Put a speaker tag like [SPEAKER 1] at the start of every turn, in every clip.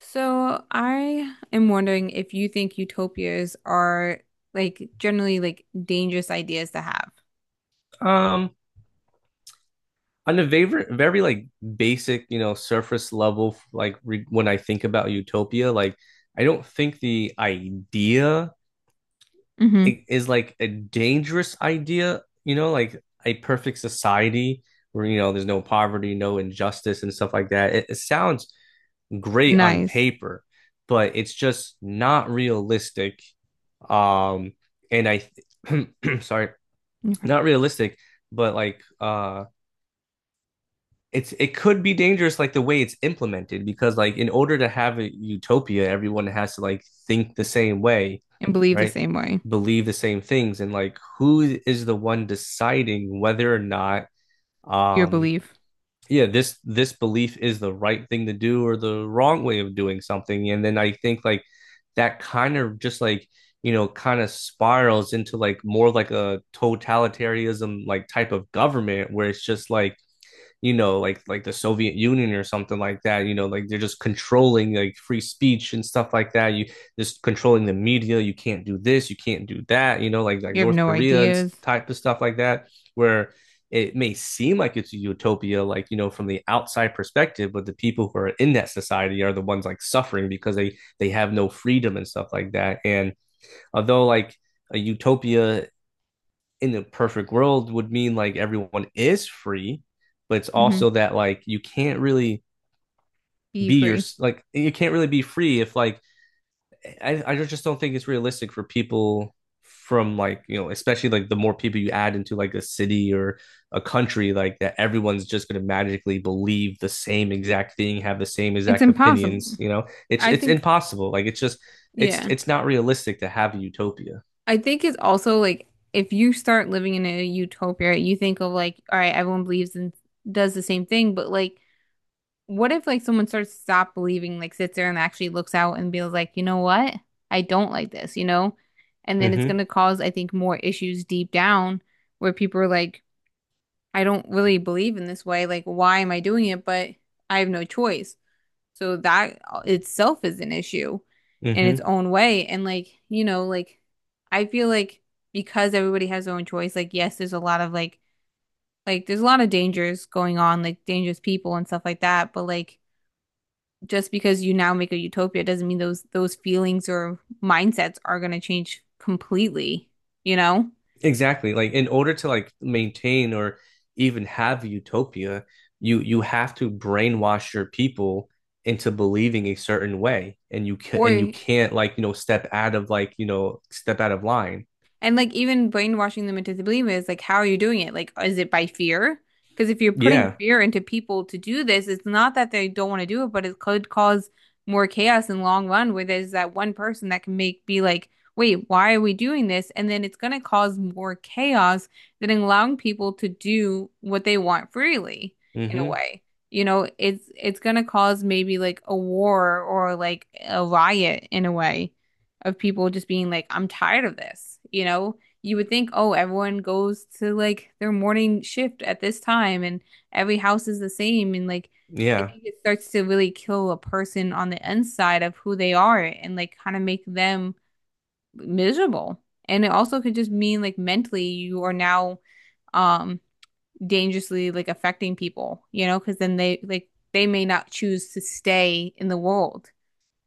[SPEAKER 1] So I am wondering if you think utopias are like generally like dangerous ideas to have.
[SPEAKER 2] Um, on a very like basic, you know, surface level, like re when I think about utopia, like I don't think the idea
[SPEAKER 1] Hmm.
[SPEAKER 2] is like a dangerous idea, you know, like a perfect society where you know there's no poverty, no injustice, and stuff like that. It sounds great on
[SPEAKER 1] Nice.
[SPEAKER 2] paper, but it's just not realistic. Um, and I, th sorry,
[SPEAKER 1] Okay.
[SPEAKER 2] Not realistic, but it could be dangerous like the way it's implemented, because like in order to have a utopia everyone has to like think the same way,
[SPEAKER 1] And believe the
[SPEAKER 2] right,
[SPEAKER 1] same way.
[SPEAKER 2] believe the same things, and like who is the one deciding whether or not,
[SPEAKER 1] Your
[SPEAKER 2] um
[SPEAKER 1] belief.
[SPEAKER 2] yeah, this belief is the right thing to do or the wrong way of doing something. And then I think like that kind of just like, you know, kind of spirals into like more like a totalitarianism like type of government where it's just like, you know, like the Soviet Union or something like that. You know, like they're just controlling like free speech and stuff like that. You just controlling the media. You can't do this. You can't do that. You know, like
[SPEAKER 1] You have
[SPEAKER 2] North
[SPEAKER 1] no
[SPEAKER 2] Korea and
[SPEAKER 1] ideas.
[SPEAKER 2] type of stuff like that, where it may seem like it's a utopia, like you know, from the outside perspective, but the people who are in that society are the ones like suffering because they have no freedom and stuff like that. And although like a utopia in the perfect world would mean like everyone is free, but it's
[SPEAKER 1] Hmm.
[SPEAKER 2] also that like you can't really
[SPEAKER 1] Be
[SPEAKER 2] be your
[SPEAKER 1] free.
[SPEAKER 2] like you can't really be free if like I just don't think it's realistic for people from like you know, especially like the more people you add into like a city or a country like that, everyone's just going to magically believe the same exact thing, have the same
[SPEAKER 1] It's
[SPEAKER 2] exact opinions.
[SPEAKER 1] impossible.
[SPEAKER 2] You know, it's
[SPEAKER 1] I
[SPEAKER 2] it's
[SPEAKER 1] think,
[SPEAKER 2] impossible, like it's just it's
[SPEAKER 1] yeah.
[SPEAKER 2] it's not realistic to have a utopia.
[SPEAKER 1] I think it's also like if you start living in a utopia, you think of like, all right, everyone believes and does the same thing, but like what if like someone starts to stop believing, like sits there and actually looks out and feels like, you know what? I don't like this, you know? And then it's
[SPEAKER 2] Mm-hmm.
[SPEAKER 1] gonna cause, I think, more issues deep down where people are like, I don't really believe in this way. Like, why am I doing it? But I have no choice. So that itself is an issue in its
[SPEAKER 2] Mm-hmm.
[SPEAKER 1] own way. And like, you know, like I feel like because everybody has their own choice, like yes, there's a lot of like there's a lot of dangers going on, like dangerous people and stuff like that, but like just because you now make a utopia doesn't mean those feelings or mindsets are going to change completely, you know?
[SPEAKER 2] Exactly. Like in order to like maintain or even have utopia, you have to brainwash your people into believing a certain way, and
[SPEAKER 1] Or.
[SPEAKER 2] you can't like you know step out of like you know step out of line.
[SPEAKER 1] And like even brainwashing them into believing is like, how are you doing it? Like, is it by fear? Because if you're putting
[SPEAKER 2] Yeah.
[SPEAKER 1] fear into people to do this, it's not that they don't want to do it, but it could cause more chaos in the long run where there's that one person that can make be like, wait, why are we doing this? And then it's going to cause more chaos than allowing people to do what they want freely in a
[SPEAKER 2] Hmm.
[SPEAKER 1] way. You know, it's going to cause maybe like a war or like a riot in a way of people just being like, I'm tired of this. You know, you would think, oh, everyone goes to like their morning shift at this time and every house is the same. And like, I
[SPEAKER 2] Yeah.
[SPEAKER 1] think it starts to really kill a person on the inside of who they are and like kind of make them miserable. And it also could just mean like mentally you are now um dangerously like affecting people, you know, because then they like they may not choose to stay in the world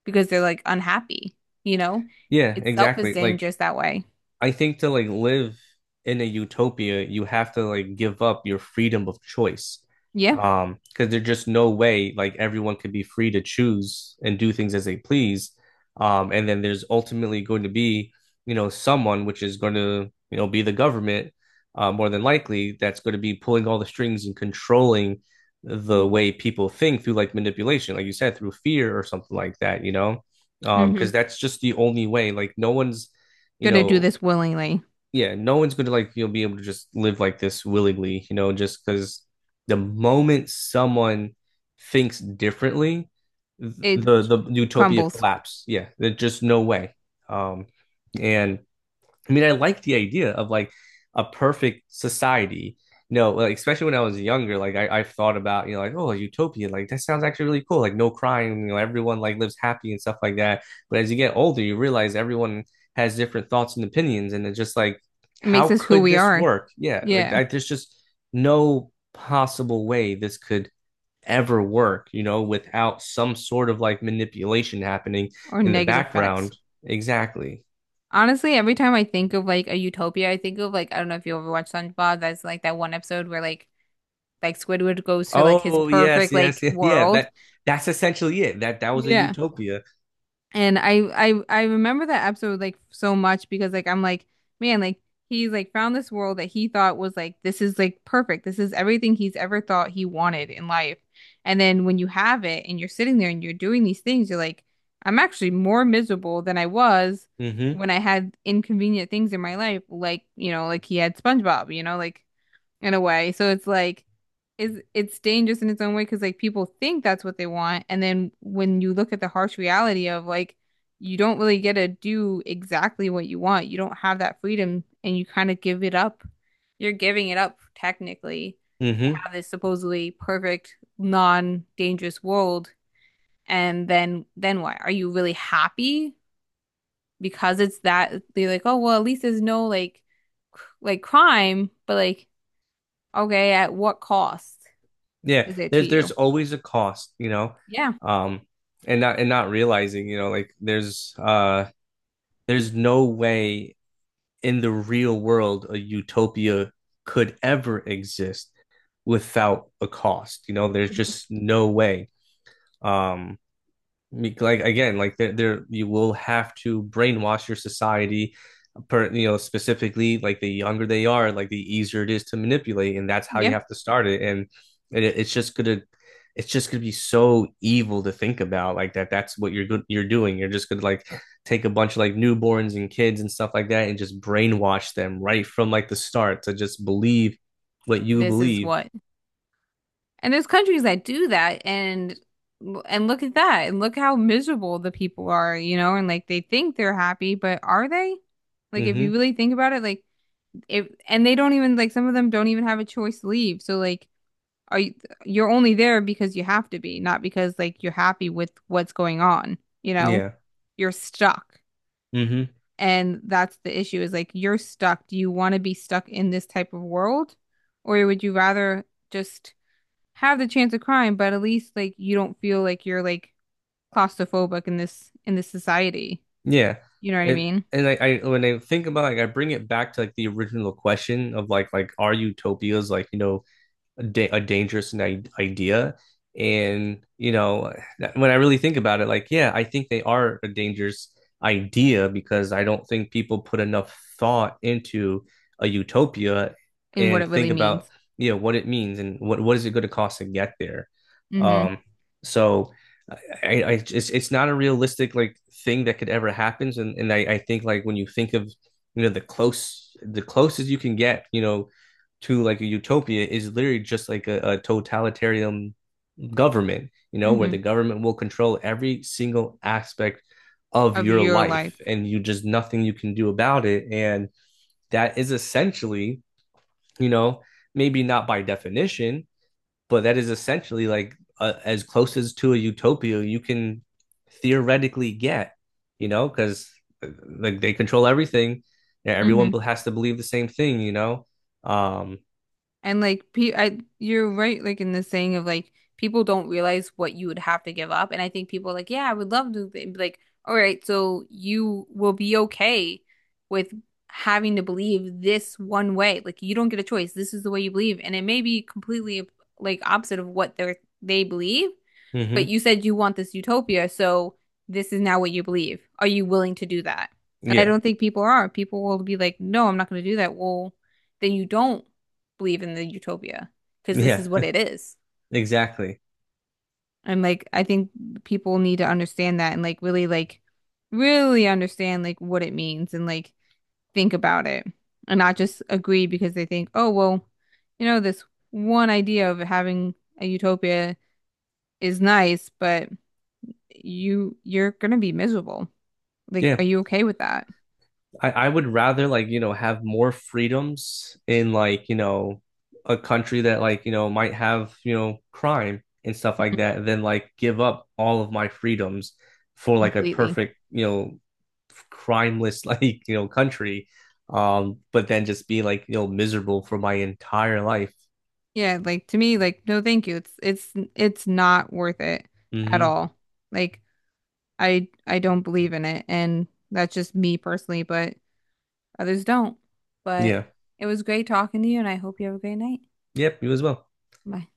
[SPEAKER 1] because they're like unhappy, you know?
[SPEAKER 2] Yeah.
[SPEAKER 1] Itself is
[SPEAKER 2] Exactly. Like
[SPEAKER 1] dangerous that way.
[SPEAKER 2] I think to like live in a utopia, you have to like give up your freedom of choice.
[SPEAKER 1] Yeah.
[SPEAKER 2] Because there's just no way like everyone could be free to choose and do things as they please. And then there's ultimately going to be, you know, someone which is going to, you know, be the government, more than likely, that's going to be pulling all the strings and controlling the
[SPEAKER 1] Yeah.
[SPEAKER 2] way people think through like manipulation, like you said, through fear or something like that, you know? Because
[SPEAKER 1] Mm-hmm.
[SPEAKER 2] that's just the only way. Like no one's, you
[SPEAKER 1] Gonna do
[SPEAKER 2] know,
[SPEAKER 1] this willingly.
[SPEAKER 2] yeah, no one's gonna like you'll be able to just live like this willingly, you know, just because the moment someone thinks differently, th- the
[SPEAKER 1] It
[SPEAKER 2] the utopia
[SPEAKER 1] crumbles.
[SPEAKER 2] collapse. Yeah, there's just no way. Um, and I mean, I like the idea of like a perfect society. You know, like, especially when I was younger, like I've thought about, you know, like, oh, utopia, like that sounds actually really cool. Like no crime, you know, everyone like lives happy and stuff like that. But as you get older, you realize everyone has different thoughts and opinions, and it's just like,
[SPEAKER 1] It
[SPEAKER 2] how
[SPEAKER 1] makes us who
[SPEAKER 2] could
[SPEAKER 1] we
[SPEAKER 2] this
[SPEAKER 1] are.
[SPEAKER 2] work? Yeah,
[SPEAKER 1] Yeah.
[SPEAKER 2] there's just no possible way this could ever work, you know, without some sort of like manipulation happening
[SPEAKER 1] Or
[SPEAKER 2] in the
[SPEAKER 1] negative effects.
[SPEAKER 2] background. Exactly.
[SPEAKER 1] Honestly, every time I think of like a utopia, I think of like I don't know if you ever watched SpongeBob. That's like that one episode where like Squidward goes to like his
[SPEAKER 2] Oh yes,
[SPEAKER 1] perfect
[SPEAKER 2] yes,
[SPEAKER 1] like
[SPEAKER 2] yes, yeah.
[SPEAKER 1] world.
[SPEAKER 2] That that's essentially it. That was a
[SPEAKER 1] Yeah.
[SPEAKER 2] utopia.
[SPEAKER 1] And I remember that episode like so much because like I'm like, man, like he's like found this world that he thought was like this is like perfect. This is everything he's ever thought he wanted in life. And then when you have it and you're sitting there and you're doing these things, you're like, I'm actually more miserable than I was
[SPEAKER 2] Hmm.
[SPEAKER 1] when I had inconvenient things in my life, like, you know, like he had SpongeBob, you know, like in a way. So it's like is it's dangerous in its own way because like people think that's what they want, and then when you look at the harsh reality of like you don't really get to do exactly what you want, you don't have that freedom, and you kind of give it up. You're giving it up technically to
[SPEAKER 2] Hmm.
[SPEAKER 1] have this supposedly perfect, non-dangerous world, and then why are you really happy? Because it's that they're like, oh well, at least there's no like crime, but like okay, at what cost
[SPEAKER 2] Yeah.
[SPEAKER 1] is it to
[SPEAKER 2] There's
[SPEAKER 1] you?
[SPEAKER 2] always a cost, you know.
[SPEAKER 1] Yeah.
[SPEAKER 2] Um, and not and Not realizing, you know, like there's no way in the real world a utopia could ever exist without a cost. You know, there's
[SPEAKER 1] Mhm.
[SPEAKER 2] just no way. Um, like again like there you will have to brainwash your society, per you know, specifically like the younger they are, like the easier it is to manipulate, and that's how you
[SPEAKER 1] Yep.
[SPEAKER 2] have to start it. And it's just gonna be so evil to think about, like that that's what you're doing. You're just gonna like take a bunch of like newborns and kids and stuff like that and just brainwash them right from like the start to just believe what you
[SPEAKER 1] This is
[SPEAKER 2] believe.
[SPEAKER 1] what. And there's countries that do that and look at that and look how miserable the people are, you know, and like they think they're happy, but are they? Like if you
[SPEAKER 2] Mm-hmm.
[SPEAKER 1] really think about it, like if and they don't even like some of them don't even have a choice to leave. So like are you you're only there because you have to be, not because like you're happy with what's going on, you know?
[SPEAKER 2] Yeah.
[SPEAKER 1] You're stuck.
[SPEAKER 2] Mm-hmm.
[SPEAKER 1] And that's the issue is like you're stuck. Do you want to be stuck in this type of world? Or would you rather just have the chance of crime, but at least like you don't feel like you're like claustrophobic in this society.
[SPEAKER 2] Yeah.
[SPEAKER 1] You know what I
[SPEAKER 2] It
[SPEAKER 1] mean?
[SPEAKER 2] and I when I think about like I bring it back to like the original question of like are utopias like you know a dangerous idea. And, you know, when I really think about it, like, yeah, I think they are a dangerous idea because I don't think people put enough thought into a utopia
[SPEAKER 1] And what
[SPEAKER 2] and
[SPEAKER 1] it
[SPEAKER 2] think
[SPEAKER 1] really
[SPEAKER 2] about,
[SPEAKER 1] means.
[SPEAKER 2] you know, what it means and what is it going to cost to get there.
[SPEAKER 1] Mm-hmm.
[SPEAKER 2] Um, so it's not a realistic like thing that could ever happen. And I think like when you think of, you know, the closest you can get, you know, to like a utopia is literally just like a totalitarian government, you know, where
[SPEAKER 1] Mm-hmm.
[SPEAKER 2] the government will control every single aspect of
[SPEAKER 1] Of
[SPEAKER 2] your
[SPEAKER 1] your
[SPEAKER 2] life,
[SPEAKER 1] life.
[SPEAKER 2] and you just nothing you can do about it. And that is essentially, you know, maybe not by definition, but that is essentially like as close as to a utopia you can theoretically get, you know, because like they control everything. Yeah, everyone
[SPEAKER 1] Mm-hmm.
[SPEAKER 2] has to believe the same thing, you know. Um,
[SPEAKER 1] And like pe I you're right like in the saying of like people don't realize what you would have to give up and I think people are like yeah I would love to be like all right so you will be okay with having to believe this one way like you don't get a choice this is the way you believe and it may be completely like opposite of what they believe but
[SPEAKER 2] mm-hmm.
[SPEAKER 1] you said you want this utopia, so this is now what you believe. Are you willing to do that? And I
[SPEAKER 2] Yeah.
[SPEAKER 1] don't think people are. People will be like, no, I'm not going to do that. Well, then you don't believe in the utopia because this
[SPEAKER 2] Yeah,
[SPEAKER 1] is what it is.
[SPEAKER 2] exactly.
[SPEAKER 1] And like, I think people need to understand that and like, really understand like what it means and like think about it and not just agree because they think, oh, well, you know, this one idea of having a utopia is nice, but you're gonna be miserable. Like,
[SPEAKER 2] Yeah,
[SPEAKER 1] are you okay with that?
[SPEAKER 2] I would rather like, you know, have more freedoms in like, you know, a country that like, you know, might have, you know, crime and stuff like
[SPEAKER 1] Mhm.
[SPEAKER 2] that, than like give up all of my freedoms for like a
[SPEAKER 1] Completely.
[SPEAKER 2] perfect, you know, crimeless like, you know, country. But then just be like, you know, miserable for my entire life.
[SPEAKER 1] Yeah, like to me, like no, thank you. It's not worth it at
[SPEAKER 2] Hmm.
[SPEAKER 1] all. Like I don't believe in it, and that's just me personally, but others don't. But
[SPEAKER 2] Yeah.
[SPEAKER 1] it was great talking to you, and I hope you have a great night.
[SPEAKER 2] Yep, you as well.
[SPEAKER 1] Bye.